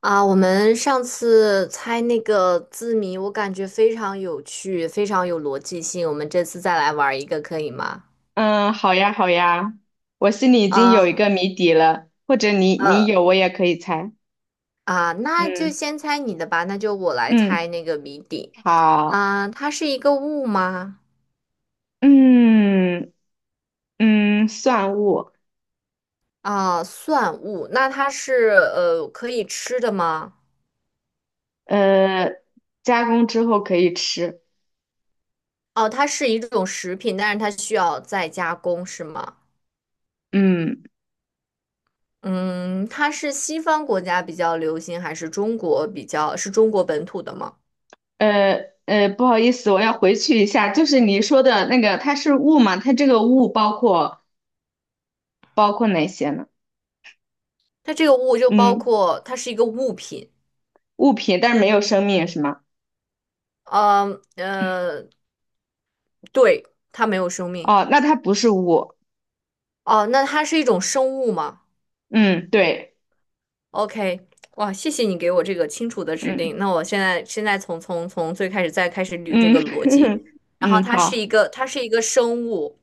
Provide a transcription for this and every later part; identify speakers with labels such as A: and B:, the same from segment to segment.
A: 啊，我们上次猜那个字谜，我感觉非常有趣，非常有逻辑性。我们这次再来玩儿一个，可以吗？
B: 嗯，好呀，好呀，我心里已经有一
A: 啊，
B: 个谜底了，或者你有，
A: 呃，
B: 我也可以猜。
A: 啊，那就
B: 嗯
A: 先猜你的吧，那就我来
B: 嗯，
A: 猜那个谜底。
B: 好，
A: 啊，它是一个物吗？
B: 嗯嗯，蒜物，
A: 啊，算物。那它是可以吃的吗？
B: 呃，加工之后可以吃。
A: 哦，它是一种食品，但是它需要再加工，是吗？
B: 嗯，
A: 嗯，它是西方国家比较流行，还是中国比较，是中国本土的吗？
B: 不好意思，我要回去一下，就是你说的那个，它是物嘛？它这个物包括哪些呢？
A: 它这个物就包
B: 嗯，
A: 括它是一个物品，
B: 物品，但是没有生命是吗？
A: 呃呃，对，它没有生命。
B: 哦，那它不是物。
A: 哦，那它是一种生物吗
B: 嗯，对，
A: ？OK，哇，谢谢你给我这个清楚的指
B: 嗯
A: 令。那我现在从最开始再开始捋这
B: 嗯
A: 个逻辑。然后
B: 嗯，
A: 它是
B: 好。
A: 一个生物，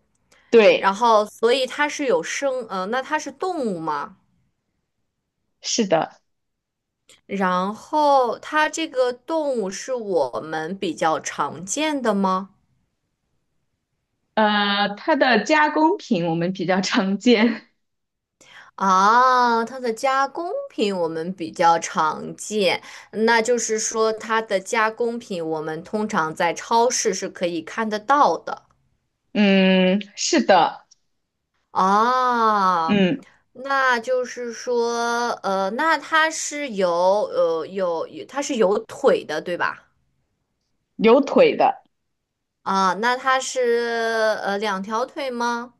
A: 然
B: 对，
A: 后所以它是有生，那它是动物吗？
B: 是的，
A: 然后它这个动物是我们比较常见的吗？
B: 它的加工品我们比较常见。
A: 啊，它的加工品我们比较常见，那就是说它的加工品我们通常在超市是可以看得到的
B: 嗯，是的，
A: 啊。
B: 嗯，
A: 那就是说，那它是有它是有腿的，对吧？
B: 有腿的，
A: 啊，那它是两条腿吗？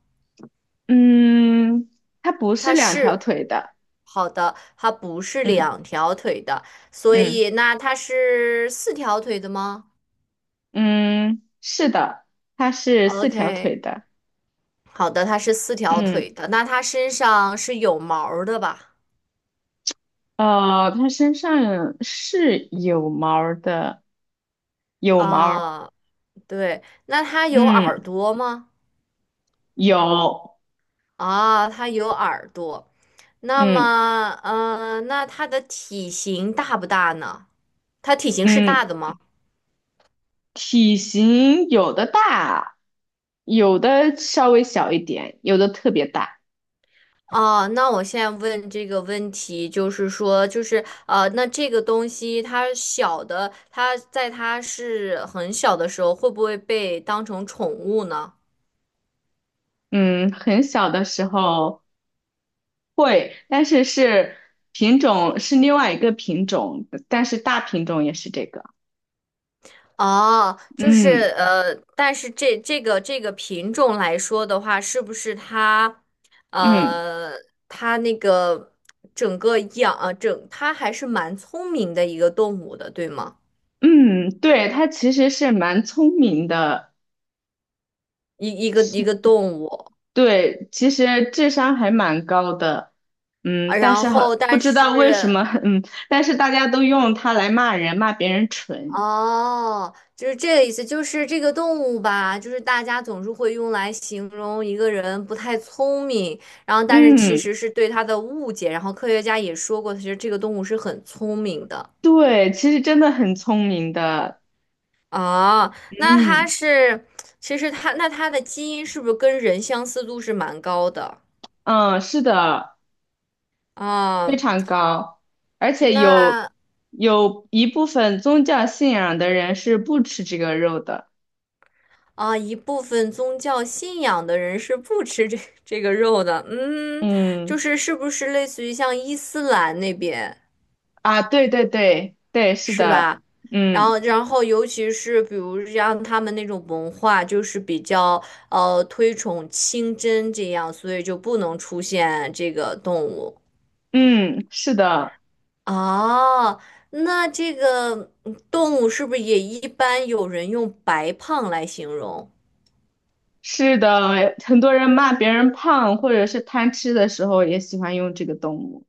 B: 嗯，它不是
A: 它
B: 两条
A: 是，
B: 腿的，
A: 好的，它不是
B: 嗯
A: 两条腿的，所
B: 嗯
A: 以那它是四条腿的吗？
B: 嗯，是的，它是四条
A: OK，
B: 腿的，
A: 好的，它是四条
B: 嗯，
A: 腿的，那它身上是有毛儿的吧？
B: 它身上是有毛儿的，有毛儿
A: 啊，对，那它有耳
B: 嗯，
A: 朵吗？
B: 有，
A: 啊，它有耳朵。那
B: 嗯
A: 么，那它的体型大不大呢？它体型是
B: 嗯。
A: 大的吗？
B: 体型有的大，有的稍微小一点，有的特别大。
A: 啊，那我现在问这个问题，就是说，那这个东西它小的，它在它是很小的时候，会不会被当成宠物呢？
B: 嗯，很小的时候会，但是是品种是另外一个品种，但是大品种也是这个。
A: 哦，
B: 嗯
A: 但是这个这个品种来说的话，是不是它，
B: 嗯
A: 呃，它那个整个养啊，整它还是蛮聪明的一个动物的，对吗？
B: 嗯，对，它其实是蛮聪明的，
A: 一一
B: 是，
A: 个动物，
B: 对，其实智商还蛮高的。嗯，
A: 啊
B: 但
A: 然
B: 是好，
A: 后
B: 不
A: 但
B: 知道为什
A: 是
B: 么，嗯，但是大家都用它来骂人，骂别人蠢。
A: 哦，就是这个意思，就是这个动物吧，就是大家总是会用来形容一个人不太聪明，然后但是其
B: 嗯。
A: 实是对它的误解，然后科学家也说过，其实这个动物是很聪明的。
B: 对，其实真的很聪明的，
A: 哦，那它
B: 嗯，
A: 是，其实它那它的基因是不是跟人相似度是蛮高的
B: 嗯，是的，非
A: 啊？
B: 常高，而且有
A: 那
B: 有一部分宗教信仰的人是不吃这个肉的，
A: 啊，一部分宗教信仰的人是不吃这个肉的，嗯，就
B: 嗯，
A: 是是不是类似于像伊斯兰那边？
B: 啊，对对对对，是
A: 是
B: 的，
A: 吧？然
B: 嗯
A: 后，然后，尤其是比如像他们那种文化，就是比较推崇清真这样，所以就不能出现这个动物。
B: 嗯，是的，
A: 啊。那这个嗯动物是不是也一般有人用白胖来形容？
B: 是的，很多人骂别人胖或者是贪吃的时候也喜欢用这个动物，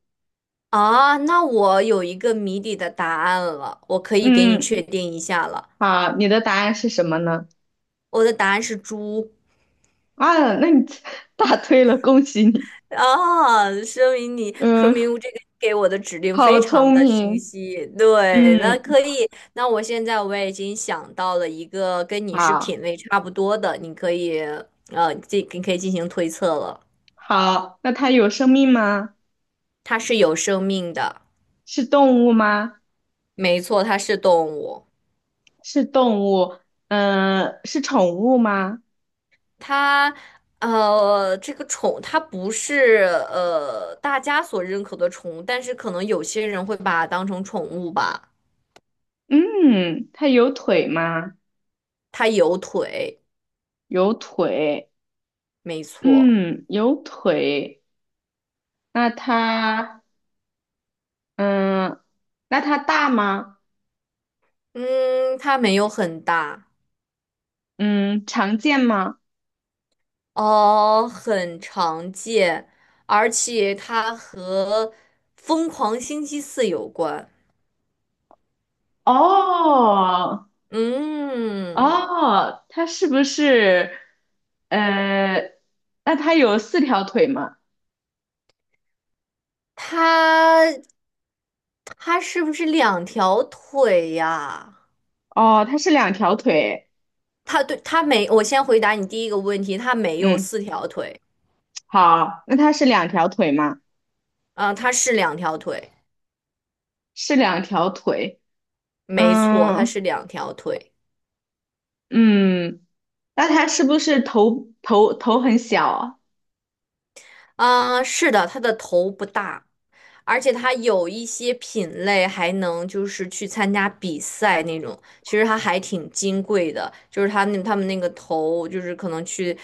A: 啊，那我有一个谜底的答案了，我可以给你确
B: 嗯，
A: 定一下了，
B: 好，你的答案是什么呢？
A: 我的答案是猪。
B: 啊，那你 答对了，恭喜你，
A: 啊，说明你说
B: 嗯。
A: 明这个给我的指令
B: 好
A: 非常
B: 聪
A: 的清
B: 明，
A: 晰。对，那
B: 嗯，
A: 可以，那我现在我也已经想到了一个跟你是
B: 好，
A: 品味差不多的，你可以你可以进行推测了。
B: 好，那它有生命吗？
A: 它是有生命的，
B: 是动物吗？
A: 没错，它是动物。
B: 是动物，嗯、是宠物吗？
A: 它这个宠它不是大家所认可的宠物，但是可能有些人会把它当成宠物吧。
B: 嗯，它有腿吗？
A: 它有腿，
B: 有腿，
A: 没错。
B: 嗯，有腿。那它，嗯，那它大吗？
A: 嗯，它没有很大，
B: 嗯，常见吗？
A: 哦，很常见，而且它和《疯狂星期四》有关。
B: 哦，
A: 嗯，
B: 哦，它是不是，呃，那它有四条腿吗？
A: 它它是不是两条腿呀？
B: 哦，它是两条腿。
A: 它对它没，我先回答你第一个问题，它没有
B: 嗯，
A: 四条腿，
B: 好，那它是两条腿吗？
A: 啊、它是两条腿，
B: 是两条腿。
A: 没错，它
B: 嗯
A: 是两条腿。
B: 嗯，那它是不是头很小啊
A: 啊，是的，它的头不大，而且它有一些品类还能就是去参加比赛那种，其实它还挺金贵的，就是它那他们那个头就是可能去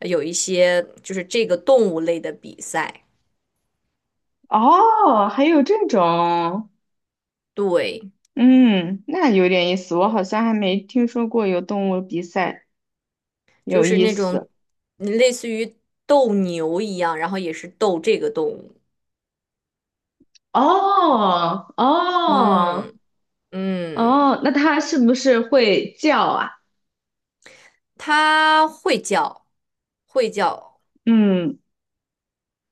A: 有一些就是这个动物类的比赛，
B: 哦，还有这种，
A: 对，
B: 嗯，那有点意思，我好像还没听说过有动物比赛，
A: 就
B: 有
A: 是
B: 意
A: 那种
B: 思。
A: 类似于斗牛一样，然后也是斗这个动物，
B: 哦哦
A: 嗯嗯，
B: 哦，那它是不是会叫啊？
A: 它会叫，会叫。
B: 嗯。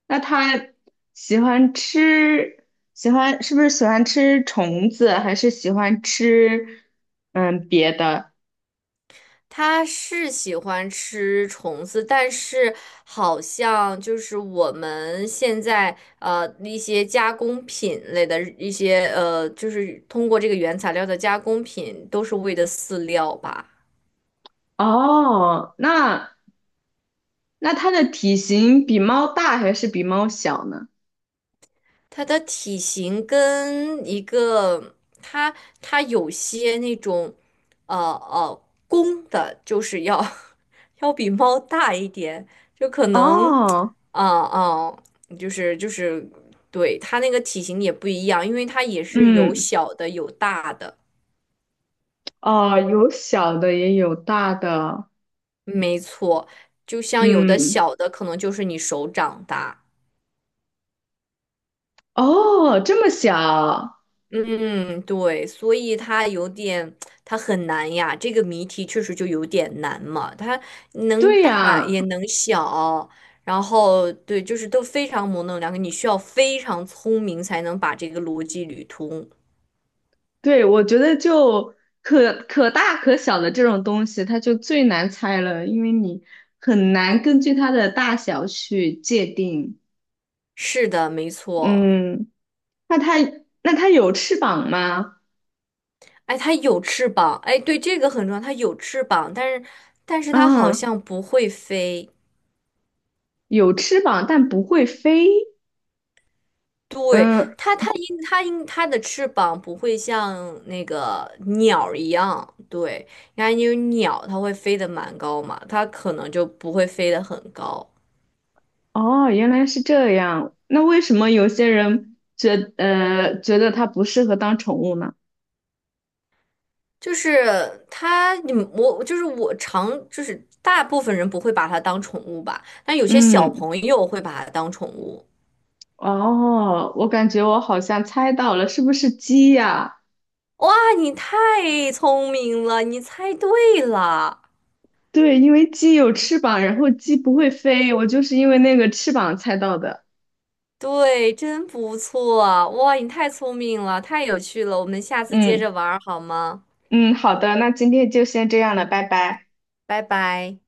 B: 那它喜欢吃，喜欢是不是喜欢吃虫子，还是喜欢吃嗯别的？
A: 他是喜欢吃虫子，但是好像就是我们现在一些加工品类的一些就是通过这个原材料的加工品都是喂的饲料吧。
B: 哦，那那它的体型比猫大还是比猫小呢？
A: 它的体型跟一个它它有些那种呃呃公的，就是要 要比猫大一点，就可能
B: 哦，
A: 啊啊、就是对它那个体型也不一样，因为它也是有
B: 嗯，
A: 小的有大的，
B: 哦，有小的也有大的，
A: 没错，就像有的
B: 嗯，
A: 小的可能就是你手掌大。
B: 哦，这么小，
A: 嗯，对，所以它有点，它很难呀。这个谜题确实就有点难嘛，它能
B: 对
A: 大
B: 呀。
A: 也能小，然后对，就是都非常模棱两可，你需要非常聪明才能把这个逻辑捋通。
B: 对，我觉得就可大可小的这种东西，它就最难猜了，因为你很难根据它的大小去界定。
A: 是的，没错。
B: 嗯，那它那它有翅膀吗？
A: 哎，它有翅膀，哎，对，这个很重要，它有翅膀，但是它好
B: 啊，
A: 像不会飞。
B: 有翅膀，但不会飞。
A: 对，
B: 嗯，
A: 它，它因它因它的翅膀不会像那个鸟儿一样，对，你看因为鸟它会飞得蛮高嘛，它可能就不会飞得很高。
B: 哦，原来是这样。那为什么有些人觉得它不适合当宠物呢？
A: 就是它，你我就是我常就是大部分人不会把它当宠物吧，但有些小
B: 嗯，
A: 朋友会把它当宠物。
B: 哦，我感觉我好像猜到了，是不是鸡呀？
A: 哇，你太聪明了，你猜对了。
B: 对，因为鸡有翅膀，然后鸡不会飞，我就是因为那个翅膀猜到的。
A: 对，真不错啊！哇，你太聪明了，太有趣了，我们下次接
B: 嗯
A: 着玩儿好吗？
B: 嗯，好的，那今天就先这样了，拜拜。
A: 拜拜。